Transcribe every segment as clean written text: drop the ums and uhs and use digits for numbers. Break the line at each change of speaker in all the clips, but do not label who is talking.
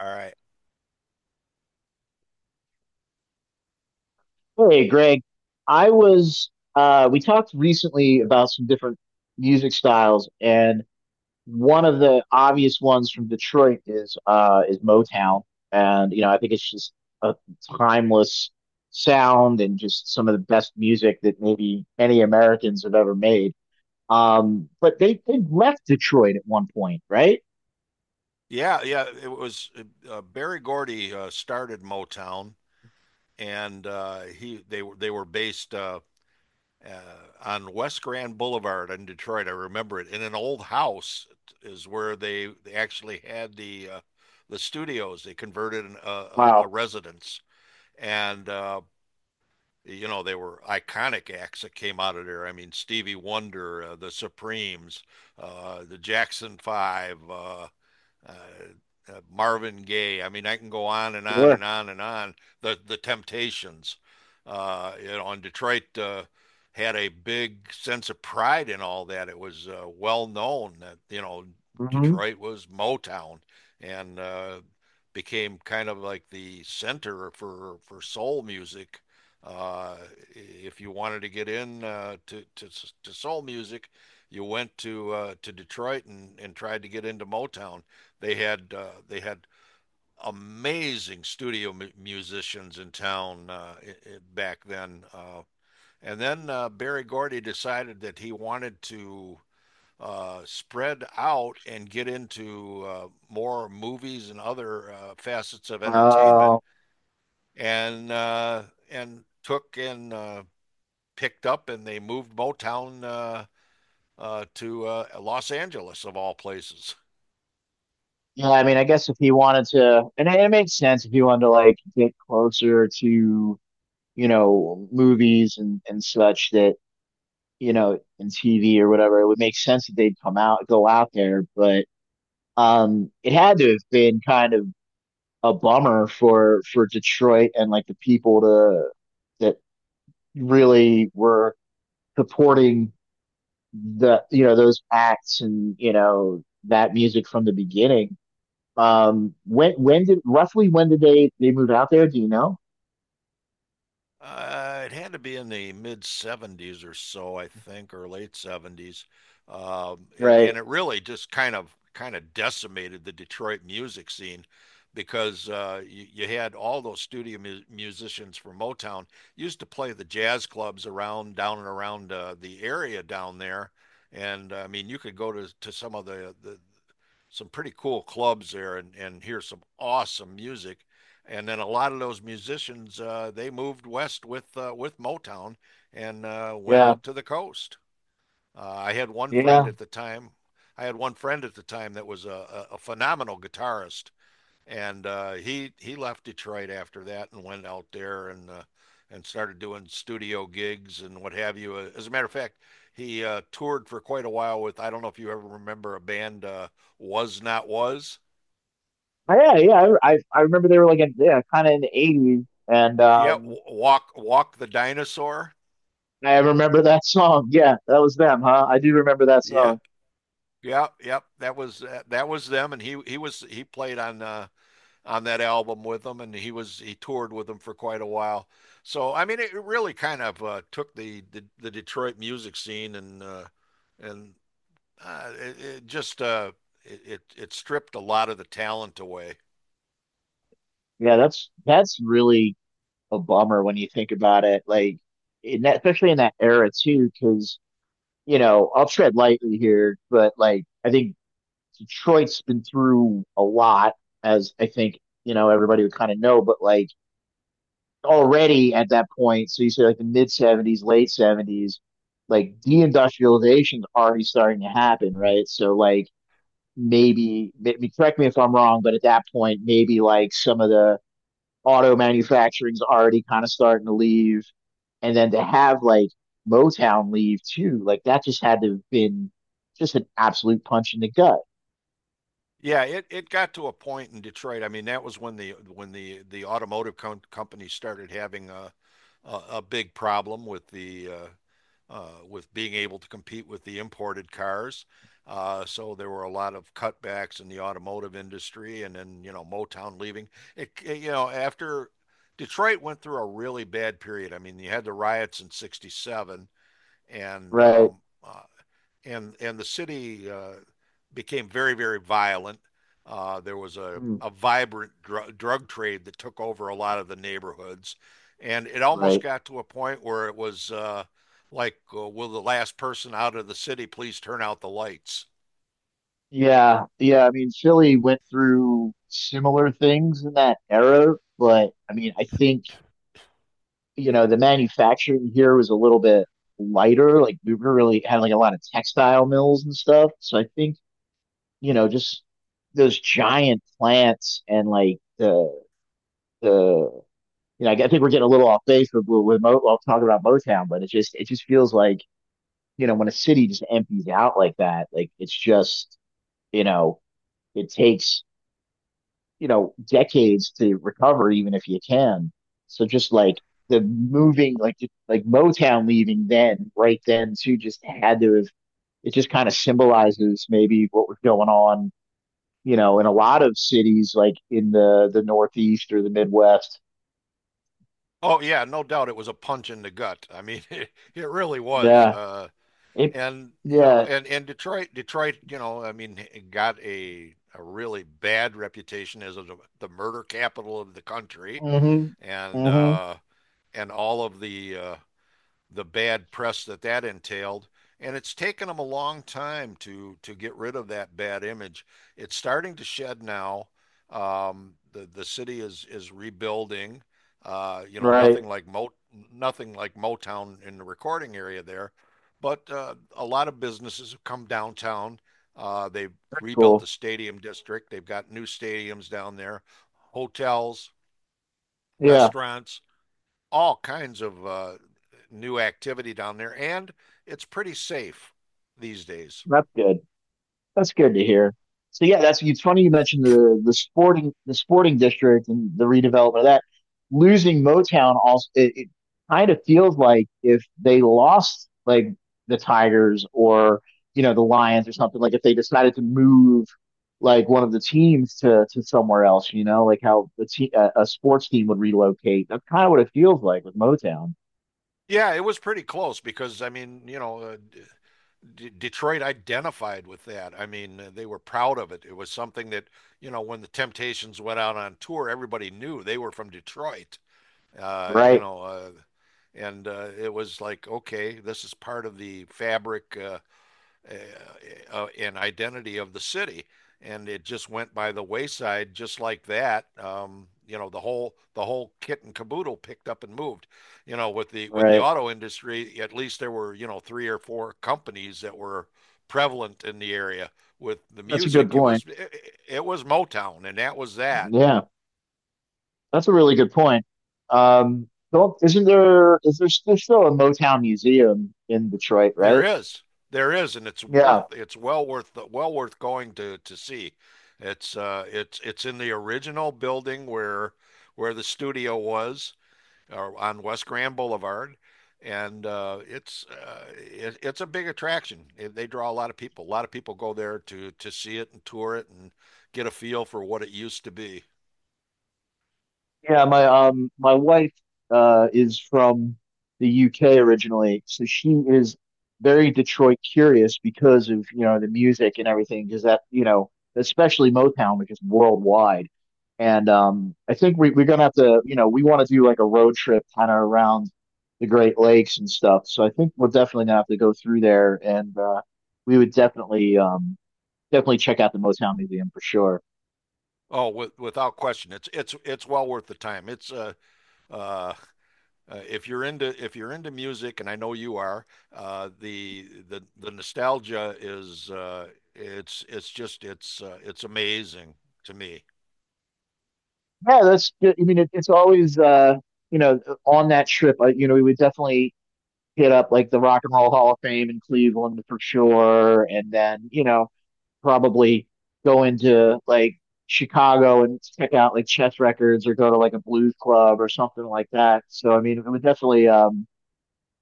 All right.
Hey, Greg. We talked recently about some different music styles, and one of the obvious ones from Detroit is Motown. And I think it's just a timeless sound and just some of the best music that maybe any Americans have ever made. But they left Detroit at one point, right?
Yeah, yeah. It was Barry Gordy started Motown, and he they were based uh, on West Grand Boulevard in Detroit. I remember it. In an old house is where they actually had the studios. They converted a
Wow.
residence, and you know they were iconic acts that came out of there. I mean Stevie Wonder, the Supremes, the Jackson Five. Uh, Marvin Gaye. I mean, I can go on and on
Sure.
and on and on. The Temptations, you know, and Detroit had a big sense of pride in all that. It was well known that you know
Mm-hmm.
Detroit was Motown, and became kind of like the center for soul music. Uh, if you wanted to get in to soul music, you went to Detroit and tried to get into Motown. They had amazing studio musicians in town back then. And then Barry Gordy decided that he wanted to spread out and get into more movies and other facets of entertainment,
Uh,
and uh, and took and picked up, and they moved Motown to Los Angeles of all places.
yeah, I mean, I guess if he wanted to, and it makes sense if he wanted to like get closer to, movies and such that, and TV or whatever, it would make sense that they'd come out, go out there. But it had to have been kind of a bummer for Detroit and like the people to that really were supporting the, those acts and, that music from the beginning. When did, roughly when did they move out there? Do you know?
It had to be in the mid 70s or so, I think, or late 70s. And
Right.
it really just kind of decimated the Detroit music scene because you had all those studio mu musicians from Motown used to play the jazz clubs around down and around the area down there. And I mean, you could go to some of the some pretty cool clubs there and hear some awesome music and then a lot of those musicians they moved west with Motown and went
Yeah.
out to the coast. I had one friend
Yeah.
at the time. I had one friend at the time that was a phenomenal guitarist, and he left Detroit after that and went out there and started doing studio gigs and what have you. As a matter of fact, he toured for quite a while with, I don't know if you ever remember a band was not was
Oh, yeah, yeah. I remember they were like in, yeah, kind of in the eighties, and
yeah, Walk the Dinosaur.
I remember that song. Yeah, that was them, huh? I do remember that
Yeah,
song.
yeah, yep. That was them, and he played on that album with them, and he toured with them for quite a while. So I mean, it really kind of took the Detroit music scene and it, it just it, it it stripped a lot of the talent away.
Yeah, that's really a bummer when you think about it. Like, in that, especially in that era too, because you know, I'll tread lightly here, but like I think Detroit's been through a lot, as I think, you know, everybody would kind of know. But like already at that point. So you say like the mid 70s, late 70s, like deindustrialization is already starting to happen, right? So like, maybe correct me if I'm wrong, but at that point, maybe like some of the auto manufacturing's already kind of starting to leave. And then to have like Motown leave too, like that just had to have been just an absolute punch in the gut,
Yeah, it got to a point in Detroit. I mean, that was when the automotive company started having a big problem with the with being able to compete with the imported cars. So there were a lot of cutbacks in the automotive industry, and then you know Motown leaving. You know after Detroit went through a really bad period. I mean, you had the riots in '67, and
right?
um, uh, and the city became very very violent. There was
Mm.
a vibrant drug trade that took over a lot of the neighborhoods, and it almost
Right.
got to a point where it was like, will the last person out of the city please turn out the lights?
Yeah, yeah. I mean, Philly went through similar things in that era, but I mean, I think, you know, the manufacturing here was a little bit lighter. Like we were really had like a lot of textile mills and stuff. So I think, you know, just those giant plants and like the you know, I think we're getting a little off base with Mo, well, talking about Motown, but it just feels like, you know, when a city just empties out like that, like it's just, you know, it takes, you know, decades to recover, even if you can. So just like the moving, like Motown leaving then, right then too, just had to have. It just kind of symbolizes maybe what was going on, you know, in a lot of cities like in the Northeast or the Midwest.
Oh yeah, no doubt it was a punch in the gut. I mean, it really was.
Yeah, it.
And you know,
Yeah.
and Detroit, you know, I mean, got a really bad reputation as the murder capital of the country,
Mm-hmm.
and
Mm-hmm.
uh, and all of the bad press that that entailed. And it's taken them a long time to get rid of that bad image. It's starting to shed now. The city is rebuilding. You know,
Right.
nothing like Motown in the recording area there, but a lot of businesses have come downtown. They've
That's
rebuilt the
cool.
stadium district. They've got new stadiums down there, hotels,
Yeah,
restaurants, all kinds of new activity down there, and it's pretty safe these days.
that's good. That's good to hear. So yeah, that's, it's funny you mentioned the sporting district and the redevelopment of that. Losing Motown also, it kind of feels like if they lost like the Tigers or, you know, the Lions or something, like if they decided to move like one of the teams to somewhere else, you know, like how the te a sports team would relocate. That's kind of what it feels like with Motown.
Yeah, it was pretty close because I mean, you know, Detroit identified with that. I mean, they were proud of it. It was something that, you know, when the Temptations went out on tour, everybody knew they were from Detroit. You
Right,
know, and It was like, okay, this is part of the fabric. Uh, uh, Identity of the city. And it just went by the wayside, just like that. You know, the whole kit and caboodle picked up and moved. You know, with the
right.
auto industry, at least there were you know three or four companies that were prevalent in the area. With the
That's a good
music,
point.
it was Motown, and that was that.
Yeah. That's a really good point. Well, isn't there, is there still a Motown museum in Detroit,
There
right?
is, there is, and it's worth
Yeah.
it's well worth the well worth going to see. It's it's in the original building where the studio was on West Grand Boulevard, and it's a big attraction. It, they draw a lot of people. A lot of people go there to see it and tour it and get a feel for what it used to be.
Yeah, my wife is from the UK originally, so she is very Detroit curious because of, you know, the music and everything, because that, you know, especially Motown, which is worldwide. And I think we're gonna have to, you know, we want to do like a road trip kind of around the Great Lakes and stuff. So I think we're definitely gonna have to go through there, and we would definitely definitely check out the Motown Museum for sure.
Oh, without question, it's well worth the time. It's uh, if you're into music, and I know you are, the nostalgia is it's just it's amazing to me.
Yeah, that's good. I mean, it, it's always, you know, on that trip, you know, we would definitely hit up like the Rock and Roll Hall of Fame in Cleveland for sure, and then, you know, probably go into like Chicago and check out like Chess Records or go to like a blues club or something like that. So, I mean, it would definitely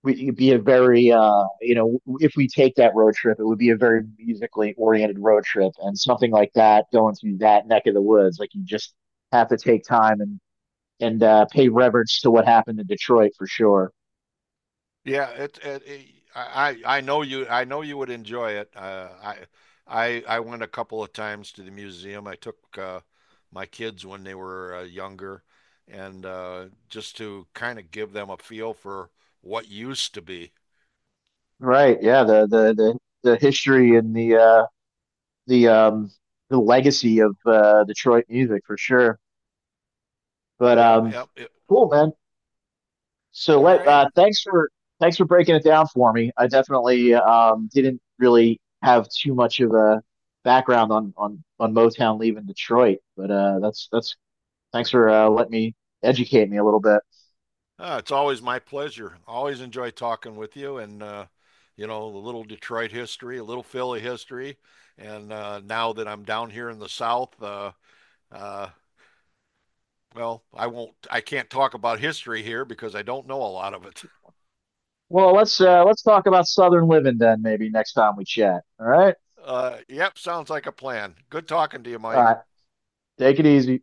we, it'd be a very you know, if we take that road trip, it would be a very musically oriented road trip, and something like that going through that neck of the woods, like you just have to take time and pay reverence to what happened in Detroit for sure.
Yeah, it I know you would enjoy it. I went a couple of times to the museum. I took my kids when they were younger, and just to kind of give them a feel for what used to be.
Right? Yeah. The history and the, the um the legacy of, Detroit music for sure. But
Yeah, yeah.
cool, man. So
All
let
right.
thanks for breaking it down for me. I definitely didn't really have too much of a background on Motown leaving Detroit, but that's thanks for, letting me educate me a little bit.
It's always my pleasure. Always enjoy talking with you and you know, a little Detroit history, a little Philly history. And now that I'm down here in the South, uh, well, I can't talk about history here because I don't know a lot of it.
Well, let's talk about Southern living then maybe next time we chat. All right.
Yep, sounds like a plan. Good talking to you,
All
Mike.
right. Take it easy.